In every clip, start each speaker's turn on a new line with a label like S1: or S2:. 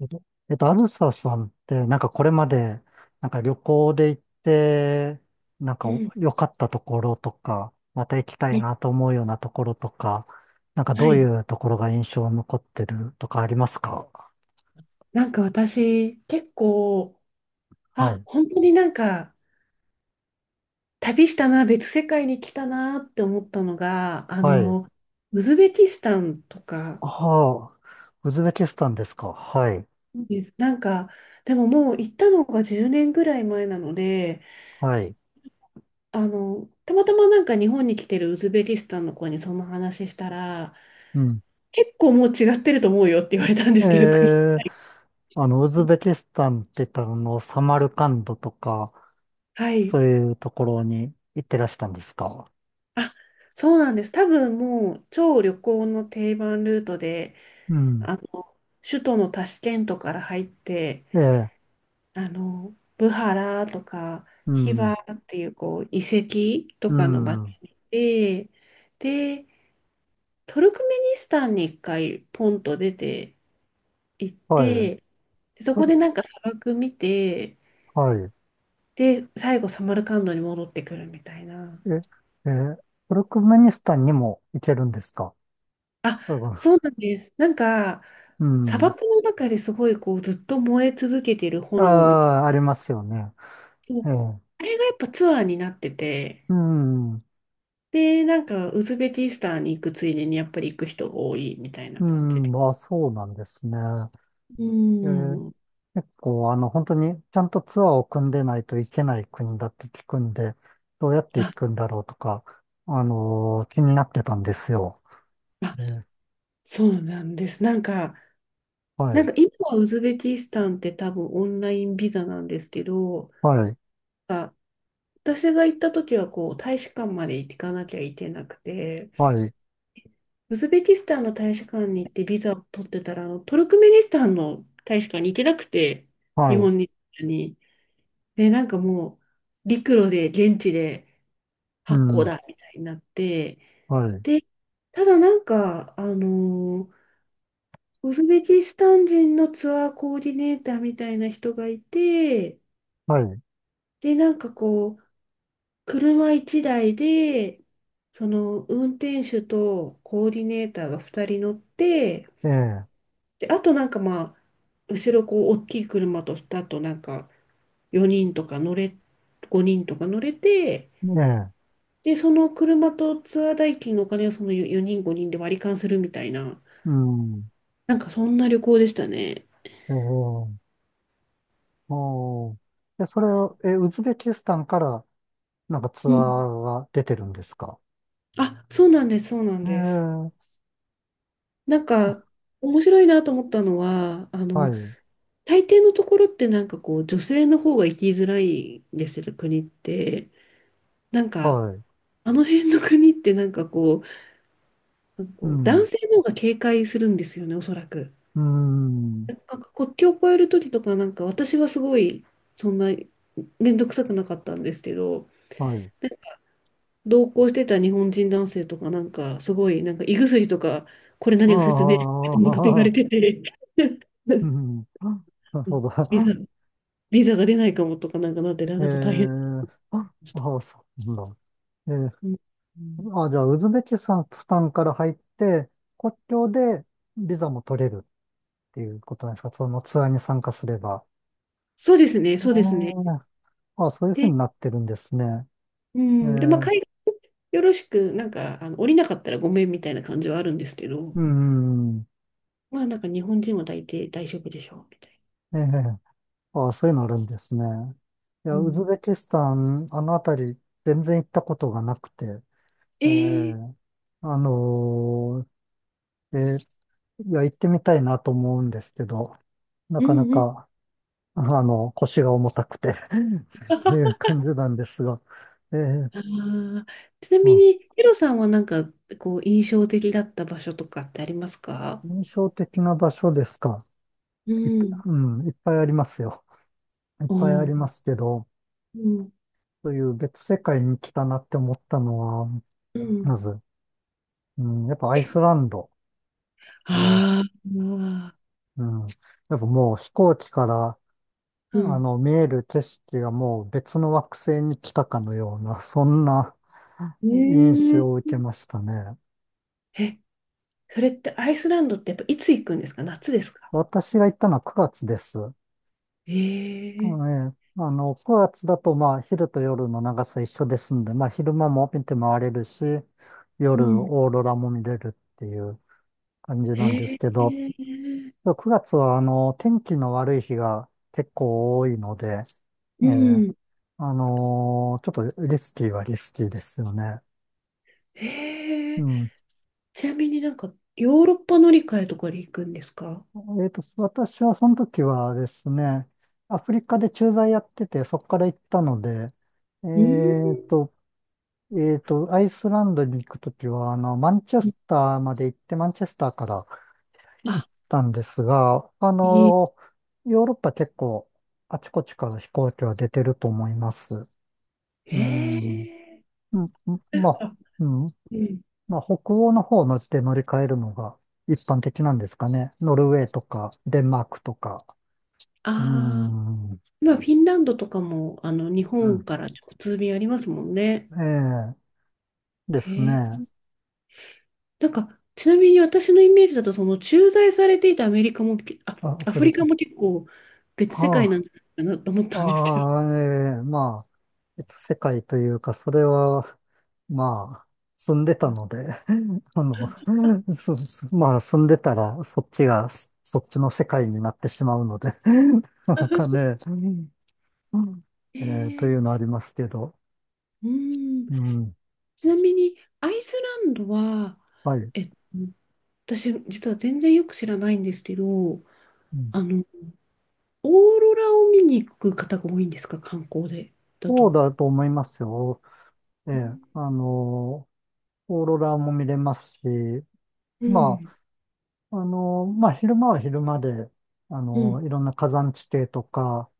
S1: えっと、あずささんって、なんかこれまで、なんか旅行で行って、なんか
S2: う
S1: お
S2: ん
S1: 良かったところとか、また行きたい
S2: え
S1: なと思うようなところとか、なんかど
S2: は
S1: う
S2: い。
S1: いうところが印象に残ってるとかありますか？
S2: なんか私、結構、
S1: は
S2: あ、
S1: い。
S2: 本当になんか、旅したな、別世界に来たなって思ったのが、
S1: はい。
S2: ウズベキスタンとか
S1: ああ、ウズベキスタンですか？はい。
S2: です。なんか、でももう行ったのが10年ぐらい前なので、
S1: はい。
S2: たまたまなんか日本に来てるウズベキスタンの子にその話したら、
S1: うん。
S2: 結構もう違ってると思うよって言われたんで
S1: え
S2: すけど、国。
S1: え、あの、ウズベキスタンって言ったら、あの、サマルカンドとか、
S2: はい。
S1: そういうところに行ってらしたんですか？
S2: あ、そうなんです。多分もう超旅行の定番ルートで、
S1: うん。
S2: あの、首都のタシケントから入って、
S1: ええ、
S2: ブハラとか、
S1: う
S2: ヒバ
S1: ん。
S2: っていう、こう、遺跡と
S1: う
S2: かの街
S1: ん。
S2: に行って、で、トルクメニスタンに一回ポンと出て行っ
S1: はい。
S2: て、でそ
S1: ト
S2: こ
S1: ル、
S2: でなんか砂漠見て、
S1: はい。
S2: で、最後サマルカンドに戻ってくるみたいな。
S1: え、えートルクメニスタンにも行けるんですか？
S2: あ、
S1: 多分。
S2: そうなんです。なんか、
S1: う
S2: 砂
S1: ん。
S2: 漠の中ですごいこうずっと燃え続けてる炎を見て、
S1: ああ、ありますよね。
S2: そ
S1: え
S2: う、
S1: え。
S2: あれがやっぱツアーになってて、
S1: うん。
S2: で、なんか、ウズベキスタンに行くついでに、やっぱり行く人が多いみたいな
S1: う
S2: 感じ
S1: ん。
S2: で。
S1: まあ、そうなんですね。
S2: う
S1: ええ、
S2: ん。
S1: 結構、あの、本当にちゃんとツアーを組んでないといけない国だって聞くんで、どうやって行
S2: あ、
S1: くんだろうとか、気になってたんですよ。
S2: あ、
S1: ええ、
S2: そうなんです。なんか、
S1: は
S2: なん
S1: い。
S2: か今はウズベキスタンって多分オンラインビザなんですけど、
S1: はい。
S2: あ、私が行った時はこう大使館まで行かなきゃいけなくて、
S1: はい。
S2: ウズベキスタンの大使館に行ってビザを取ってたら、トルクメニスタンの大使館に行けなくて、
S1: は
S2: 日
S1: い。
S2: 本に行ったのに。で、なんかもう陸路で現地で
S1: う
S2: 発行
S1: ん。
S2: だみたいになって、
S1: はい。
S2: で、ただなんか、ウズベキスタン人のツアーコーディネーターみたいな人がいて、
S1: はい。
S2: で、なんかこう、車1台で、その運転手とコーディネーターが2人乗って、
S1: ええ。
S2: で、あとなんかまあ、後ろこう、大きい車と、だとなんか4人とか乗れ、5人とか乗れて、
S1: ええ。
S2: で、その車とツアー代金のお金をその4人5人で割り勘するみたいな、
S1: うん。
S2: なんかそんな旅行でしたね。
S1: ええ、おー、え、それを、え、ウズベキスタンからなんかツア
S2: うん。
S1: ーが出てるんですか？
S2: あ、そうなんです、そうなんです。
S1: ええ、
S2: なん
S1: あ、
S2: か面白いなと思ったのは、
S1: はい、
S2: 大抵のところってなんかこう、女性の方が生きづらいんですけど、国って。なんか、
S1: はい、
S2: あの辺の国ってなんかこう、なんか
S1: う
S2: こう男
S1: ん、
S2: 性の方が警戒するんですよね、おそらく。
S1: うん、
S2: なんか国境を越える時とか、なんか私はすごい、そんな、面倒くさくなかったんですけど、
S1: はい。
S2: 同行してた日本人男性とか、なんか、すごい、なんか、胃薬とか、これ
S1: あ
S2: 何が説明書みたいなこと言わ
S1: あ、あ
S2: れ
S1: あ、
S2: てて、
S1: う ん、なるほど。
S2: ビザ、ビザが出ないかもとか、なんかなって、なんか大変
S1: ええ、
S2: で
S1: あ
S2: した。
S1: あ、そうなんだ。ええ、
S2: うんうん、
S1: あ、じゃあ、ウズベキスタンから入って、国境でビザも取れるっていうことなんですか？そのツアーに参加すれば。
S2: そうですね、
S1: え
S2: そうですね。
S1: え、あ、そういうふう
S2: で、
S1: になってるんですね。
S2: う
S1: え
S2: ん、で、まあ、
S1: ー、
S2: 海外よろしく、なんか、降りなかったらごめんみたいな感じはあるんですけど、
S1: うん、うん、
S2: まあ、なんか、日本人は大抵大丈夫でしょう、みたい
S1: ええ、あ、そういうのあるんですね。いや、
S2: な。う
S1: ウズ
S2: ん、
S1: ベキスタン、あのあたり、全然行ったことがなくて、
S2: え
S1: え
S2: ー、
S1: ー、あのーえーいや、行ってみたいなと思うんですけど、な
S2: う
S1: かな
S2: んうん。
S1: か、あの、腰が重たくて とい う感じなんですが、えー、
S2: あーちな
S1: う
S2: み
S1: ん。
S2: に、ヒロさんはなんか、こう、印象的だった場所とかってありますか？
S1: 印象的な場所ですか。
S2: う
S1: いっ、
S2: ん、
S1: うん、いっぱいありますよ。いっ
S2: お
S1: ぱいありま
S2: ー、
S1: すけど、
S2: うん、
S1: という別世界に来たなって思ったのは、
S2: うん。
S1: まず、うん、やっぱアイスランドは、
S2: ああ、う
S1: うん、やっぱもう飛行機から、あ
S2: ん。
S1: の、見える景色がもう別の惑星に来たかのような、そんな
S2: う
S1: 印
S2: ん、
S1: 象を受けましたね。
S2: え、それってアイスランドってやっぱいつ行くんですか？夏ですか？
S1: 私が行ったのは9月です。あ
S2: ええ、
S1: のね、あの、9月だとまあ昼と夜の長さ一緒ですんで、まあ昼間も見て回れるし、
S2: う
S1: 夜
S2: ん、
S1: オーロラも見れるっていう感じなんです
S2: え
S1: け
S2: え、
S1: ど、9月は、あの、天気の悪い日が結構多いので、え
S2: う
S1: え、
S2: ん。
S1: ちょっとリスキーはリスキーですよね。
S2: え
S1: う
S2: え、
S1: ん。
S2: ちなみになんか、ヨーロッパ乗り換えとかで行くんですか？
S1: 私はその時はですね、アフリカで駐在やってて、そこから行ったので、え
S2: う
S1: っ
S2: ん、
S1: と、アイスランドに行く時は、あの、マンチェスターまで行って、マンチェスターから行っ
S2: あ、
S1: たんですが、あ
S2: いい。
S1: のヨーロッパ結構、あちこちから飛行機は出てると思います。う
S2: え
S1: ん。
S2: ー、
S1: うん、まあ、うん。
S2: うん。
S1: まあ、北欧の方の地で乗り換えるのが一般的なんですかね。ノルウェーとか、デンマークとか。う
S2: ああ、
S1: ん。う
S2: 今フィンランドとかも、日
S1: ん。
S2: 本から直通便ありますもんね。
S1: ええ、です
S2: へ
S1: ね。
S2: え。なんか、ちなみに私のイメージだと、その駐在されていたアメリカも、あ、
S1: あ、
S2: ア
S1: フ
S2: フ
S1: レ
S2: リカ
S1: ズ。
S2: も結構別世界な
S1: あ
S2: んじゃないかなと思っ
S1: あ、
S2: たんですけど。
S1: ああ、ええ、まあ、別世界というか、それは、まあ、住んでたので、あの、まあ、住んでたら、そっちが、そっちの世界になってしまうので、なかなか ね、うん。
S2: へ
S1: とい
S2: え。
S1: うのありますけど、
S2: うん。
S1: うん、
S2: ちなみに、アイスランドは、
S1: はい。
S2: えっと、私、実は全然よく知らないんですけど、
S1: うん、
S2: あの、オーロラを見に行く方が多いんですか、観光で、だ
S1: そう
S2: と。
S1: だと思いますよ。えーあ
S2: う
S1: のオーロラも見れますし、ま
S2: ん。
S1: あ、あのまあ、昼間は昼間で、あ
S2: うん。
S1: のいろんな火山地形とか、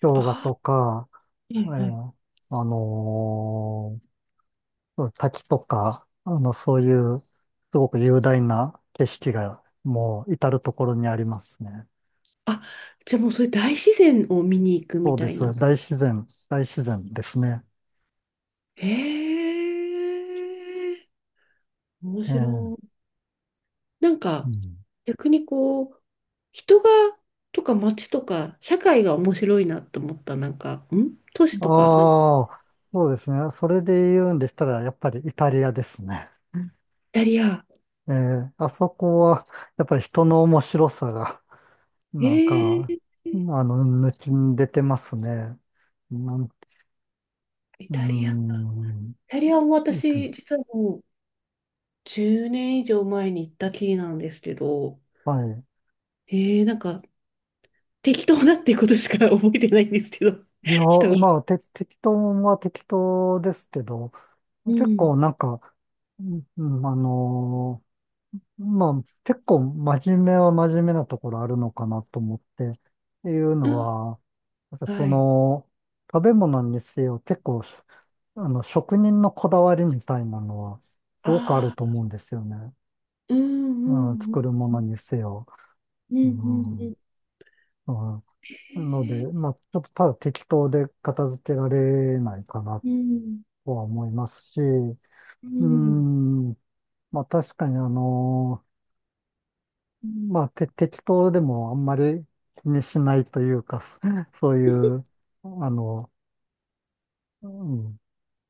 S1: 氷河
S2: あ、
S1: とか、
S2: は
S1: え
S2: いはい。
S1: ーあの滝とか、あの、そういう、すごく雄大な景色が、もう、至るところにありますね。
S2: あ、じゃあもうそれ大自然を見に行くみ
S1: そうで
S2: たい
S1: す。
S2: な。
S1: 大自然、大自然ですね。
S2: へえ、面
S1: ええ、
S2: 白い。なん
S1: う
S2: か、
S1: ん。
S2: 逆にこう、人が、とか街とか、社会が面白いなと思った。なんか、都市とか、なんかイ
S1: ああ、そうですね。それで言うんでしたら、やっぱりイタリアですね。
S2: タリア。
S1: ええ、あそこは、やっぱり人の面白さが、なん
S2: へ
S1: か、
S2: え、
S1: あの、抜きに出てますね。なんて、
S2: イ
S1: うー
S2: タリアか。
S1: ん、
S2: イタリアも私、実はもう10年以上前に行ったきりなんですけど、
S1: はい。
S2: なんか適当だってことしか覚えてないんですけど、
S1: いや、
S2: 人が。
S1: まあ、適当は適当ですけど、
S2: う
S1: 結
S2: ん
S1: 構なんか、うんうん、まあ、結構真面目は真面目なところあるのかなと思って、っていう
S2: う
S1: の
S2: ん。
S1: は、なんかそ
S2: はい。
S1: の、食べ物にせよ、結構、あの、職人のこだわりみたいなのは、すごくある
S2: あ
S1: と
S2: あ、
S1: 思うんですよね。
S2: うんう
S1: うん、
S2: ん
S1: 作るも
S2: う
S1: の
S2: ん
S1: にせよ。
S2: うんう
S1: うん、
S2: ん
S1: う
S2: うん。
S1: ん。
S2: へ
S1: なので、
S2: え、
S1: まあ、ちょっとただ適当で片付けられないかな
S2: うん
S1: とは思いますし、
S2: う
S1: う
S2: ん、
S1: ん、まあ確かにあの、まあ適当でもあんまり気にしないというか、そうい
S2: へ
S1: う、あの、うん、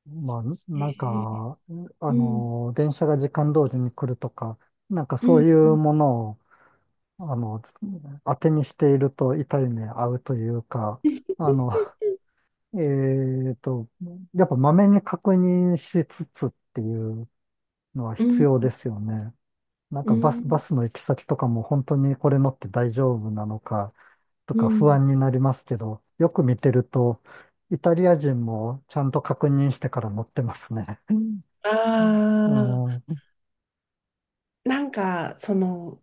S1: まあ、なん
S2: え、
S1: か、あ
S2: うん
S1: の、電車が時間通りに来るとか、なんか
S2: う
S1: そ
S2: ん
S1: うい
S2: う
S1: う
S2: ん
S1: ものを、あの、当てにしていると痛い目合うというか、あの、えっと、やっぱまめに確認しつつっていうのは
S2: う
S1: 必
S2: ん
S1: 要ですよね。なん
S2: う
S1: かバス、バ
S2: ん
S1: スの行き先とかも本当にこれ乗って大丈夫なのかと
S2: う
S1: か不
S2: ん、
S1: 安になりますけど、よく見てると、イタリア人もちゃんと確認してから乗ってますね。
S2: あ
S1: あ
S2: あ、
S1: ー、
S2: なんか、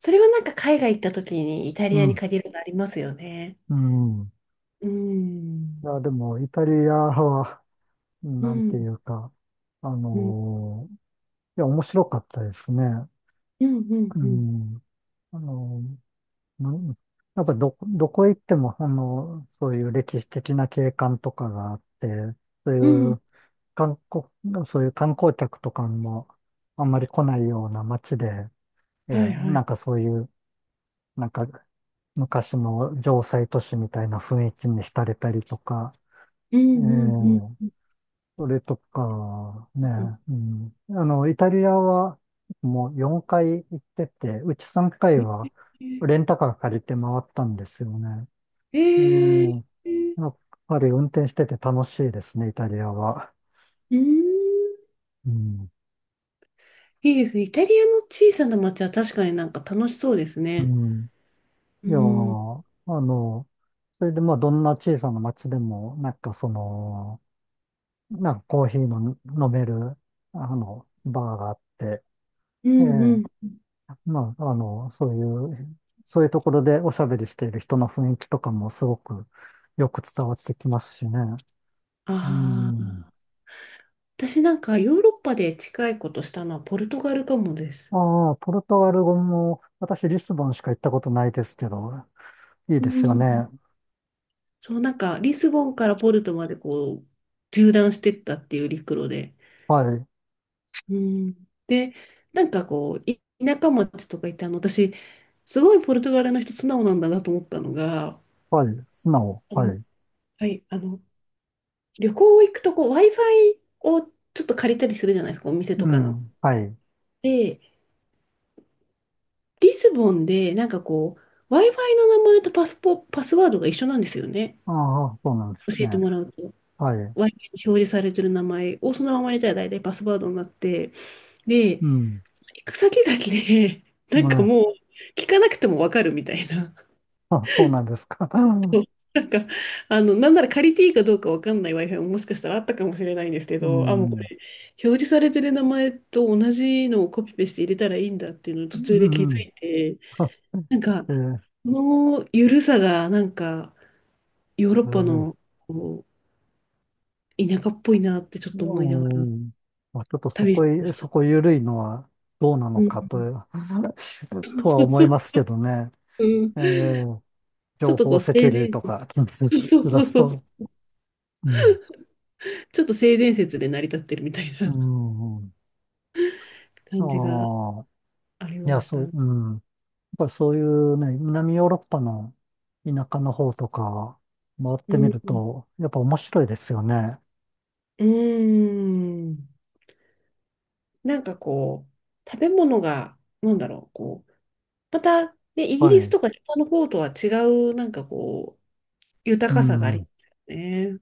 S2: それはなんか海外行った時にイタ
S1: う
S2: リアに
S1: ん、
S2: 限るのありますよね。
S1: うん。
S2: う
S1: いや、
S2: ん。
S1: でも、イタリアは、
S2: う
S1: なんてい
S2: ん。
S1: うか、あ
S2: うん。
S1: のーいや、面白かったですね。
S2: うん。うん。
S1: う
S2: うん。
S1: ん。あのーなんやっぱど、どこ行っても、あの、そういう歴史的な景観とかがあって、そうい
S2: うん、
S1: う観光、そういう観光客とかもあんまり来ないような街で、
S2: はいは
S1: な
S2: い。
S1: んかそういう、なんか昔の城塞都市みたいな雰囲気に浸れたりとか、
S2: うん。
S1: ええ、
S2: うん。うん。
S1: それとか、ね、
S2: うん、
S1: うん。あの、イタリアはもう4回行ってて、うち3回はレンタカー借りて回ったんですよね。
S2: え
S1: え
S2: ー、
S1: え、
S2: えー、
S1: やっぱり運転してて楽しいですね、イタリアは。
S2: うん。
S1: うん。
S2: いいですね。イタリアの小さな町は確かになんか楽しそうです
S1: う
S2: ね。
S1: ん。
S2: う
S1: いや
S2: ん、
S1: ー、あの、それでまあ、どんな小さな町でも、なんかその、なんかコーヒーの飲める、あの、バーがあって、
S2: う
S1: え
S2: ん、う
S1: え、
S2: ん。
S1: まあ、あの、いう、そういうところでおしゃべりしている人の雰囲気とかもすごくよく伝わってきますしね。う
S2: ああ、
S1: ん。
S2: 私なんかヨーロッパで近いことしたのはポルトガルかもです。
S1: ああ、ポルトガル語も、私、リスボンしか行ったことないですけど、いい
S2: う
S1: ですよ
S2: ん。
S1: ね。
S2: そう、なんかリスボンからポルトまでこう、縦断してったっていう陸路で。
S1: はい、
S2: うん。で、なんかこう、田舎町とか行って、私、すごいポルトガルの人素直なんだなと思ったのが、
S1: はい、素直、
S2: あ
S1: は
S2: の、
S1: い。
S2: はい、旅行行くとこう、Wi-Fi をちょっと借りたりするじゃないですか、お店と
S1: う
S2: かの。
S1: ん、はい。
S2: で、リスボンで、なんかこう、Wi-Fi の名前とパスワードが一緒なんですよね。
S1: ああ、そうなんです
S2: 教えて
S1: ね。
S2: もらうと。Wi-Fi に
S1: はい。
S2: 表示されてる名前をそのまま入れたら大体パスワードになって、で、行
S1: うん、
S2: く先々で、なんか
S1: ね、
S2: もう、聞かなくてもわかるみたいな。
S1: あ、そうなんですか。
S2: なんか、なんなら借りていいかどうかわかんない Wi-Fi ももしかしたらあったかもしれないんですけ
S1: う
S2: ど、あ、もうこ
S1: ん、う
S2: れ、表示されてる名前と同じのをコピペして入れたらいいんだっていうのを途中で気づ
S1: ん、うん。
S2: いて、なんか、
S1: えー
S2: この緩さがなんか、ヨーロッ
S1: え
S2: パ
S1: ー
S2: のこう田舎っぽいなってちょっと思いなが
S1: う
S2: ら
S1: ん。まあ、ちょっと
S2: 旅してまし
S1: そ
S2: た。
S1: こ緩いのはどうな
S2: う
S1: の
S2: ん、
S1: かと、とは
S2: そう
S1: 思
S2: そ
S1: い
S2: う、
S1: ますけどね。
S2: うん、
S1: えー
S2: ちょ
S1: 情
S2: っとこ
S1: 報
S2: う
S1: セキュ
S2: 性
S1: リティ
S2: 善、
S1: とか気にし
S2: そう
S1: だ
S2: そう
S1: す
S2: そう、
S1: と うん。
S2: ちょっと性善説で成り立ってるみたい
S1: う
S2: な
S1: ん。あ
S2: 感じが
S1: あ。
S2: あり
S1: い
S2: ま
S1: や、
S2: した。
S1: そう、
S2: う
S1: うん。やっぱりそういうね、南ヨーロッパの田舎の方とか回ってみ
S2: ん、
S1: る
S2: う
S1: と、やっぱ面白いですよね。
S2: ーん、なんかこう、食べ物が、なんだろう、こう、また、ね、イギ
S1: は
S2: リス
S1: い。
S2: とか北の方とは違う、なんかこう、豊
S1: う
S2: かさがありま
S1: ん。
S2: すよね。